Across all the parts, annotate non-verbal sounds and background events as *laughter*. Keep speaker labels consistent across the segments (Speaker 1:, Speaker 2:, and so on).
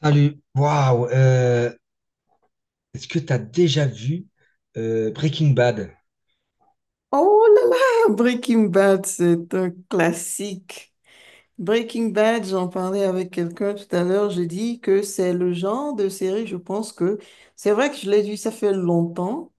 Speaker 1: Salut. Waouh. Est-ce que tu as déjà vu Breaking Bad?
Speaker 2: Oh là là, Breaking Bad, c'est un classique. Breaking Bad, j'en parlais avec quelqu'un tout à l'heure, j'ai dit que c'est le genre de série, je pense que c'est vrai que je l'ai vu, ça fait longtemps.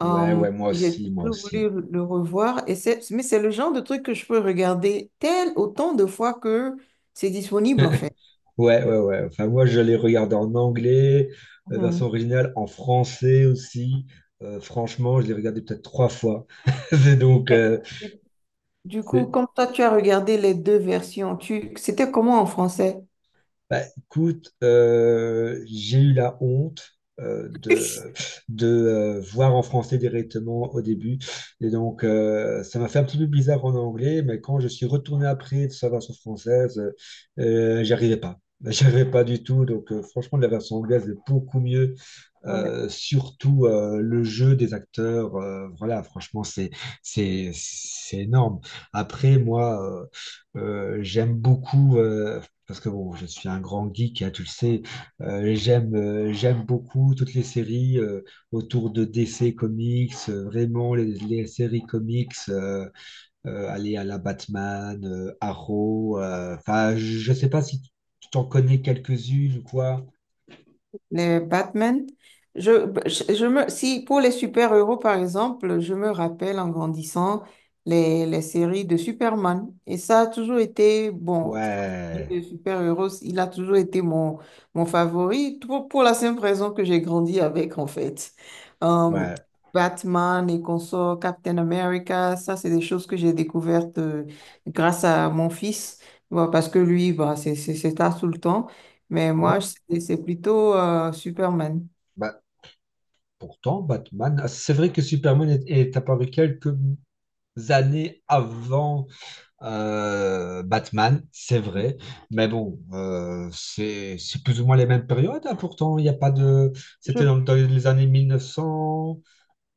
Speaker 2: Mm.
Speaker 1: Ouais, ouais, moi
Speaker 2: J'ai
Speaker 1: aussi, moi
Speaker 2: toujours voulu
Speaker 1: aussi.
Speaker 2: le revoir, mais c'est le genre de truc que je peux regarder tel autant de fois que c'est disponible en fait.
Speaker 1: Ouais, ouais, ouais. Enfin, moi, je l'ai regardé en anglais,
Speaker 2: Mhm.
Speaker 1: version originale, en français aussi. Franchement, je l'ai regardé peut-être trois fois. *laughs* C'est donc,
Speaker 2: Mais Du du coup,
Speaker 1: c'est
Speaker 2: comme toi, tu as regardé les deux versions, c'était comment en français?
Speaker 1: Bah, écoute, j'ai eu la honte
Speaker 2: *laughs*
Speaker 1: de voir en français directement au début. Et donc, ça m'a fait un petit peu bizarre en anglais, mais quand je suis retourné après de sa version française, j'y arrivais pas. *laughs* J'y arrivais pas du tout. Donc, franchement, la version anglaise est beaucoup mieux surtout le jeu des acteurs, voilà, franchement, c'est énorme. Après, moi, euh, j'aime beaucoup parce que bon, je suis un grand geek, hein, tu le sais. J'aime j'aime beaucoup toutes les séries autour de DC Comics, vraiment les séries comics, aller à la Batman, Arrow. Enfin, je sais pas si tu t'en connais quelques-unes ou quoi.
Speaker 2: Les Batman. Si pour les super-héros, par exemple, je me rappelle en grandissant les séries de Superman. Et ça a toujours été, bon,
Speaker 1: Ouais,
Speaker 2: les super-héros, il a toujours été mon favori pour la simple raison que j'ai grandi avec, en fait. Euh,
Speaker 1: ouais.
Speaker 2: Batman et consorts, Captain America, ça, c'est des choses que j'ai découvertes grâce à mon fils. Bah, parce que lui, bah, c'est ça tout le temps. Mais moi,
Speaker 1: Bon.
Speaker 2: c'est plutôt Superman.
Speaker 1: Bah, pourtant, Batman, ah, c'est vrai que Superman est, est apparu quelques années avant Batman, c'est vrai, mais bon, c'est plus ou moins les mêmes périodes, hein, pourtant, il n'y a pas de...
Speaker 2: Je,
Speaker 1: C'était dans, dans les années 1990,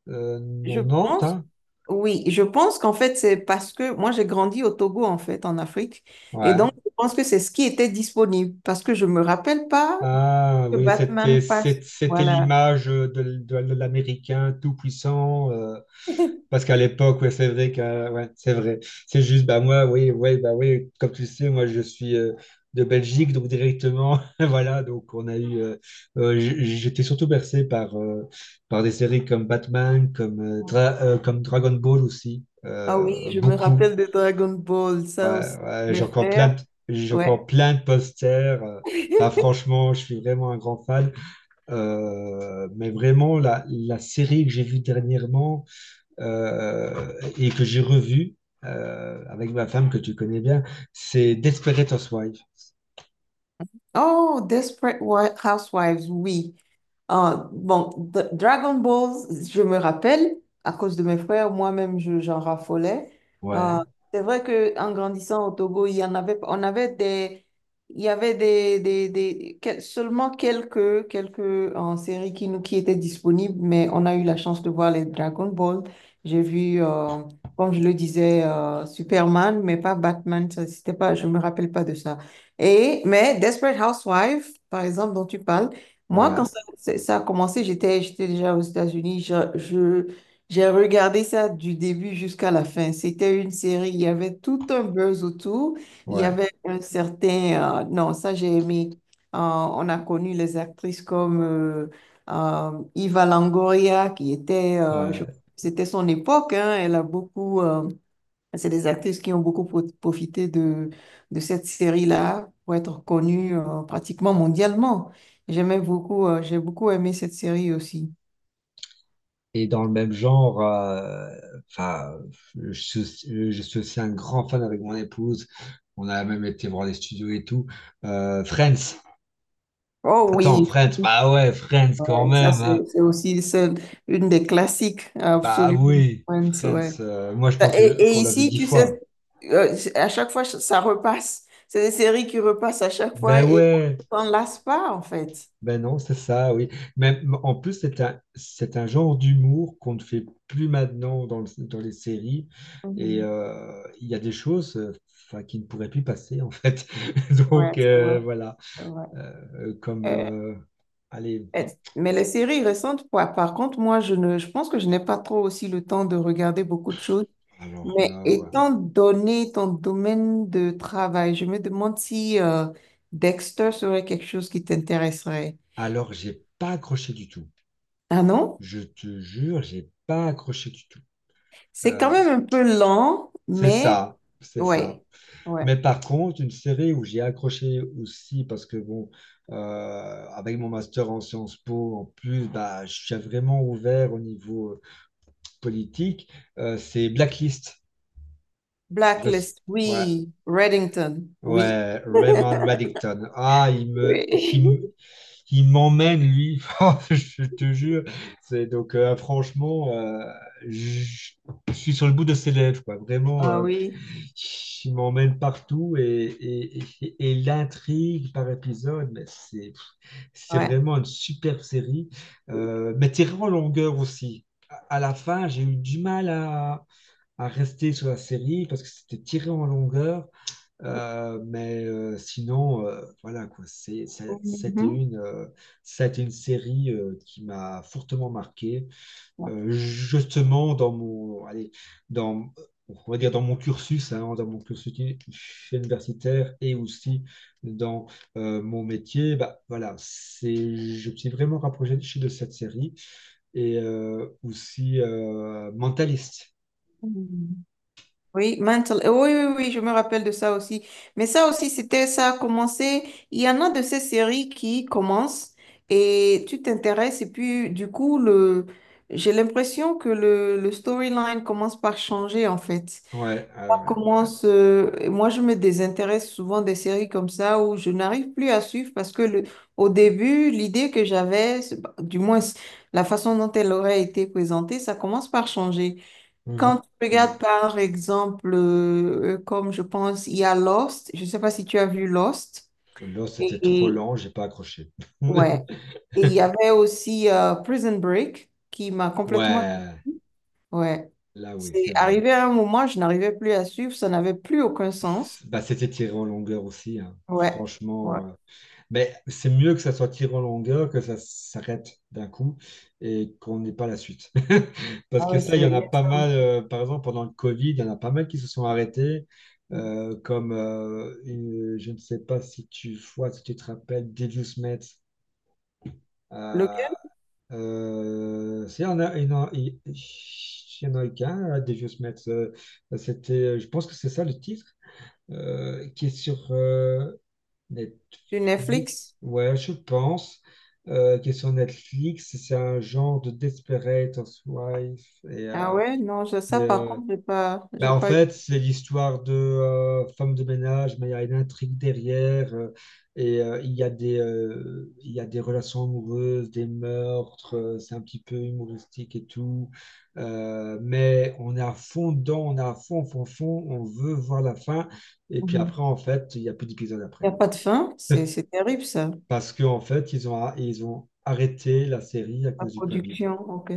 Speaker 2: je pense.
Speaker 1: hein,
Speaker 2: Oui, je pense qu'en fait, c'est parce que moi, j'ai grandi au Togo, en fait, en Afrique. Et donc,
Speaker 1: ouais.
Speaker 2: je pense que c'est ce qui était disponible parce que je me rappelle pas
Speaker 1: Ah
Speaker 2: que
Speaker 1: oui,
Speaker 2: Batman passe.
Speaker 1: c'était
Speaker 2: Voilà.
Speaker 1: l'image de, de l'Américain tout puissant,
Speaker 2: *laughs*
Speaker 1: parce qu'à l'époque, ouais, c'est vrai que, ouais, c'est vrai. C'est juste, bah moi, oui, ouais, bah oui, comme tu le sais, moi je suis de Belgique, donc directement, *laughs* voilà, donc on a eu, j'étais surtout bercé par, par des séries comme Batman, comme, comme Dragon Ball aussi,
Speaker 2: Ah oui, je me
Speaker 1: beaucoup.
Speaker 2: rappelle de Dragon Ball,
Speaker 1: Ouais,
Speaker 2: ça aussi,
Speaker 1: ouais,
Speaker 2: mes frères.
Speaker 1: j'ai encore
Speaker 2: Ouais.
Speaker 1: plein de posters. Enfin,
Speaker 2: *laughs*
Speaker 1: franchement, je suis vraiment un grand fan. Mais vraiment, la série que j'ai vue dernièrement euh, et que j'ai revu avec ma femme que tu connais bien, c'est Desperate Housewives.
Speaker 2: Oh, Housewives, oui. Ah, bon, Dragon Ball, je me rappelle, à cause de mes frères, moi-même, j'en raffolais. Ah,
Speaker 1: Ouais,
Speaker 2: c'est vrai qu'en grandissant au Togo, il y en avait, on avait des, il y avait des, seulement quelques séries qui étaient disponibles, mais on a eu la chance de voir les Dragon Ball. J'ai vu, euh, Comme je le disais, Superman, mais pas Batman, ça, c'était pas, je me rappelle pas de ça. Mais Desperate Housewives, par exemple, dont tu parles, moi,
Speaker 1: ouais,
Speaker 2: ça a commencé, j'étais déjà aux États-Unis. J'ai regardé ça du début jusqu'à la fin. C'était une série, il y avait tout un buzz autour. Il y
Speaker 1: ouais,
Speaker 2: avait un certain... non, ça j'ai aimé. On a connu les actrices comme Eva Longoria, qui était...
Speaker 1: ouais.
Speaker 2: c'était son époque, hein, elle a beaucoup... C'est des actrices qui ont beaucoup profité de cette série-là pour être connues pratiquement mondialement. J'aimais beaucoup, j'ai beaucoup aimé cette série aussi.
Speaker 1: Et dans le même genre, enfin, je suis, je suis aussi un grand fan avec mon épouse. On a même été voir les studios et tout. Friends.
Speaker 2: Oh
Speaker 1: Attends,
Speaker 2: oui,
Speaker 1: Friends. Bah ouais, Friends quand
Speaker 2: ça
Speaker 1: même, hein.
Speaker 2: c'est aussi celle, une des classiques,
Speaker 1: Bah
Speaker 2: absolument.
Speaker 1: oui,
Speaker 2: Friends, ouais.
Speaker 1: Friends. Moi, je pense
Speaker 2: Et,
Speaker 1: que
Speaker 2: et
Speaker 1: qu'on l'a vu
Speaker 2: ici,
Speaker 1: dix
Speaker 2: tu sais,
Speaker 1: fois.
Speaker 2: à chaque fois, ça repasse. C'est des séries qui repassent à chaque fois
Speaker 1: Ben
Speaker 2: et
Speaker 1: ouais.
Speaker 2: on ne s'en lasse pas, en fait.
Speaker 1: Ben non, c'est ça, oui. Mais en plus, c'est un genre d'humour qu'on ne fait plus maintenant dans les séries. Et
Speaker 2: Mhm.
Speaker 1: il y a des choses enfin, qui ne pourraient plus passer, en fait. *laughs*
Speaker 2: Ouais,
Speaker 1: Donc,
Speaker 2: c'est vrai,
Speaker 1: voilà.
Speaker 2: c'est vrai.
Speaker 1: Comme.
Speaker 2: Euh,
Speaker 1: Allez,
Speaker 2: Eh, Mais les séries récentes, par, par contre, moi, je pense que je n'ai pas trop aussi le temps de regarder beaucoup de choses.
Speaker 1: alors
Speaker 2: Mais
Speaker 1: là, ouais.
Speaker 2: étant donné ton domaine de travail, je me demande si Dexter serait quelque chose qui t'intéresserait.
Speaker 1: Alors, j'ai pas accroché du tout.
Speaker 2: Ah non?
Speaker 1: Je te jure, j'ai pas accroché du tout.
Speaker 2: C'est quand
Speaker 1: Euh,
Speaker 2: même un peu lent,
Speaker 1: c'est
Speaker 2: mais
Speaker 1: ça, c'est ça.
Speaker 2: ouais, ouais.
Speaker 1: Mais par contre, une série où j'ai accroché aussi, parce que bon, euh, avec mon master en Sciences Po, en plus, bah, je suis vraiment ouvert au niveau politique, c'est Blacklist. Je, sais-
Speaker 2: Blacklist,
Speaker 1: ouais,
Speaker 2: oui. Reddington, oui.
Speaker 1: ouais, Raymond Reddington.
Speaker 2: Oui. *laughs*
Speaker 1: Qui m'emmène, lui. *laughs* Oh, je te jure. Franchement, je je suis sur le bout de ses lèvres, quoi. Vraiment,
Speaker 2: Ah oui,
Speaker 1: il m'emmène partout et, et l'intrigue par épisode, mais c'est
Speaker 2: ouais.
Speaker 1: vraiment une superbe série. Mais tirée en longueur aussi. À la fin, j'ai eu du mal à rester sur la série parce que c'était tiré en longueur. Sinon, voilà quoi, c'était une série qui m'a fortement marqué, justement dans mon, allez, dans, on va dire dans mon cursus, hein, dans mon cursus uni- universitaire et aussi dans mon métier, bah voilà, c'est, je me suis vraiment rapproché de cette série et aussi Mentaliste.
Speaker 2: Mhm. Oui, mental. Oui, oui, oui, je me rappelle de ça aussi. Mais ça aussi, c'était ça a commencé. Il y en a de ces séries qui commencent et tu t'intéresses et puis du coup, j'ai l'impression que le storyline commence par changer en fait.
Speaker 1: Ouais, ah
Speaker 2: Ça
Speaker 1: ouais.
Speaker 2: commence, et moi, je me désintéresse souvent des séries comme ça où je n'arrive plus à suivre parce que le, au début, l'idée que j'avais, bah, du moins la façon dont elle aurait été présentée, ça commence par changer. Quand tu
Speaker 1: Mhm.
Speaker 2: regardes par exemple, comme je pense, il y a Lost, je ne sais pas si tu as vu Lost,
Speaker 1: Là,
Speaker 2: et,
Speaker 1: c'était trop
Speaker 2: et-
Speaker 1: lent, j'ai pas accroché.
Speaker 2: ouais,
Speaker 1: *laughs*
Speaker 2: et il y avait aussi Prison Break qui m'a complètement...
Speaker 1: Ouais,
Speaker 2: Ouais,
Speaker 1: là oui, c'est
Speaker 2: c'est
Speaker 1: vrai.
Speaker 2: arrivé à un moment, je n'arrivais plus à suivre, ça n'avait plus aucun sens.
Speaker 1: Bah, c'était tiré en longueur aussi, hein.
Speaker 2: Ouais,
Speaker 1: Franchement,
Speaker 2: ouais,
Speaker 1: mais c'est mieux que ça soit tiré en longueur, que ça s'arrête d'un coup et qu'on n'ait pas la suite. *laughs* Parce
Speaker 2: ah
Speaker 1: que
Speaker 2: ouais,
Speaker 1: ça, il y en
Speaker 2: il
Speaker 1: a
Speaker 2: y a
Speaker 1: pas
Speaker 2: ça
Speaker 1: mal,
Speaker 2: aussi.
Speaker 1: par exemple, pendant le Covid, il y en a pas mal qui se sont arrêtés, comme, je ne sais pas si tu vois, si tu te rappelles, Devious Met.
Speaker 2: Lequel?
Speaker 1: S'il y en a, il y en a qu'un, à Devious Mets, c'était, je pense que c'est ça le titre, qui est sur
Speaker 2: Sur Netflix?
Speaker 1: Netflix, ouais, je pense, qui est sur Netflix, c'est un genre de Desperate Housewives, et,
Speaker 2: Ah
Speaker 1: euh,
Speaker 2: ouais, non,
Speaker 1: et,
Speaker 2: ça par
Speaker 1: euh,
Speaker 2: contre,
Speaker 1: bah,
Speaker 2: j'ai
Speaker 1: en
Speaker 2: pas eu.
Speaker 1: fait, c'est l'histoire de femme de ménage, mais il y a une intrigue derrière. Et il y a des relations amoureuses, des meurtres. C'est un petit peu humoristique et tout. Mais on est à fond dedans, on est à fond, fond, fond. On veut voir la fin. Et puis
Speaker 2: Mhm.
Speaker 1: après, en fait, il n'y a plus d'épisode
Speaker 2: Il
Speaker 1: après.
Speaker 2: n'y a pas de fin, c'est terrible ça,
Speaker 1: Parce qu'en fait, ils ont arrêté la série à
Speaker 2: la
Speaker 1: cause du Covid,
Speaker 2: production, ok.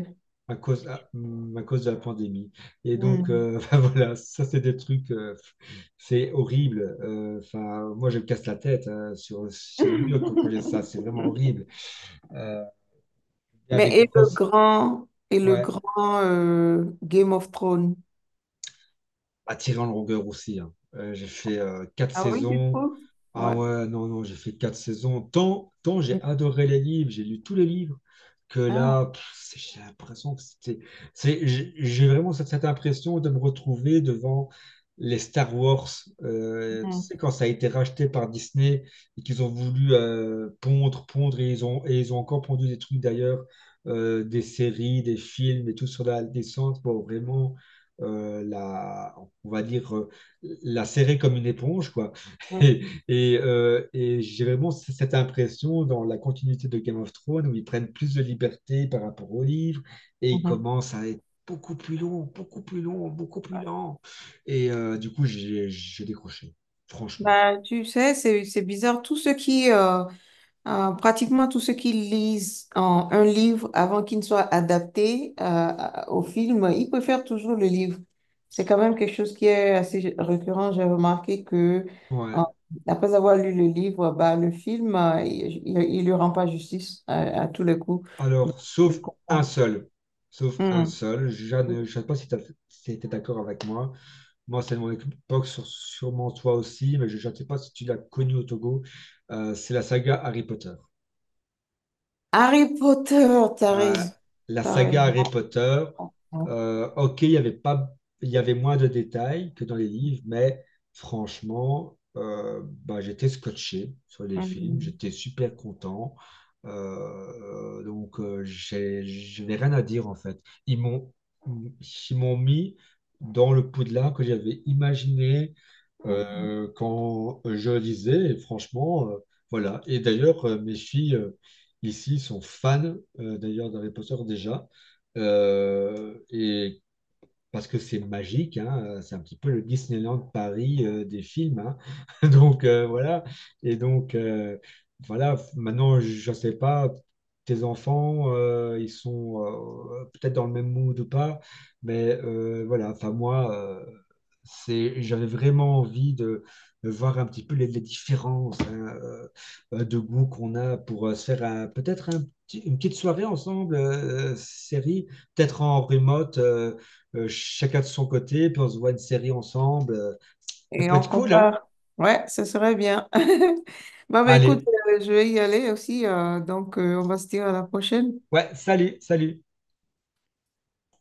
Speaker 1: à cause de la pandémie. Et donc,
Speaker 2: Hmm.
Speaker 1: *laughs* voilà, ça, c'est des trucs, c'est horrible. Enfin, moi, je me casse la tête hein, sur, sur le mur quand, quand j'ai ça, c'est vraiment
Speaker 2: *laughs*
Speaker 1: horrible. Euh, Il y a des
Speaker 2: Mais
Speaker 1: grosses.
Speaker 2: et le
Speaker 1: Ouais,
Speaker 2: grand Game of Thrones.
Speaker 1: à Tyrion Langer aussi, hein. J'ai fait quatre
Speaker 2: Ah oui, tu
Speaker 1: saisons.
Speaker 2: trouves? Ouais.
Speaker 1: Ah ouais, non, non, j'ai fait quatre saisons. Tant, tant j'ai adoré les livres, j'ai lu tous les livres, que
Speaker 2: Ah,
Speaker 1: là, pff, c'est- j'ai l'impression que c'était. C'est- j'ai vraiment cette impression de me retrouver devant les Star Wars. Tu
Speaker 2: mhm,
Speaker 1: sais, quand ça a été racheté par Disney et qu'ils ont voulu pondre, et ils ont encore pondu des trucs d'ailleurs, des séries, des films et tout sur la descente. Bon, vraiment. euh, la, on va dire, la serrer comme une éponge, quoi. *laughs*
Speaker 2: mhm,
Speaker 1: Et j'ai vraiment cette impression dans la continuité de Game of Thrones où ils prennent plus de liberté par rapport au livre et ils
Speaker 2: mhm.
Speaker 1: commencent à être beaucoup plus longs, beaucoup plus longs, beaucoup plus lents. Et du coup, j'ai décroché, franchement.
Speaker 2: Bah, tu sais, c'est bizarre. Pratiquement tous ceux qui lisent en un livre avant qu'il ne soit adapté au film, ils préfèrent toujours le livre. C'est quand même quelque chose qui est assez récurrent. J'ai remarqué que euh,
Speaker 1: Ouais.
Speaker 2: après avoir lu le livre, bah, le film, il ne lui rend pas justice à tous les coups. Donc,
Speaker 1: Alors,
Speaker 2: je
Speaker 1: sauf un
Speaker 2: comprends.
Speaker 1: seul. Sauf un
Speaker 2: Hmm.
Speaker 1: seul. Jeanne, je ne sais pas si tu étais d'accord avec moi. Moi, c'est de mon époque, sûrement toi aussi, mais je ne sais pas si tu l'as connu au Togo. C'est la saga Harry Potter.
Speaker 2: Harry Potter, t'as
Speaker 1: Euh,
Speaker 2: raison.
Speaker 1: la
Speaker 2: T'as
Speaker 1: saga Harry
Speaker 2: raison.
Speaker 1: Potter, ok, il y avait pas, il y avait moins de détails que dans les livres, mais franchement, bah, j'étais scotché sur les films,
Speaker 2: Hmm.
Speaker 1: j'étais super content. Donc, je n'ai rien à dire en fait. Ils m'ont, Ils m'ont mis dans le Poudlard que j'avais imaginé
Speaker 2: Hmm.
Speaker 1: quand je lisais, et franchement, voilà. Et d'ailleurs, mes filles ici sont fans d'ailleurs d'Harry Potter déjà, et parce que c'est magique, hein, c'est un petit peu le Disneyland Paris des films, hein. *laughs* Donc voilà, et donc voilà, maintenant je ne sais pas, tes enfants, ils sont peut-être dans le même mood ou pas, mais voilà, enfin moi, c'est, j'avais vraiment envie de voir un petit peu les différences hein, de goût qu'on a pour se faire peut-être une petite soirée ensemble, série, peut-être en remote. Chacun de son côté, puis on se voit une série ensemble. Ça
Speaker 2: Et
Speaker 1: peut
Speaker 2: on
Speaker 1: être cool, hein?
Speaker 2: compare. Ouais, ce serait bien. *laughs* Bon, bah, écoute,
Speaker 1: Allez,
Speaker 2: je vais y aller aussi. Donc, on va se dire à la prochaine.
Speaker 1: ouais, salut, salut.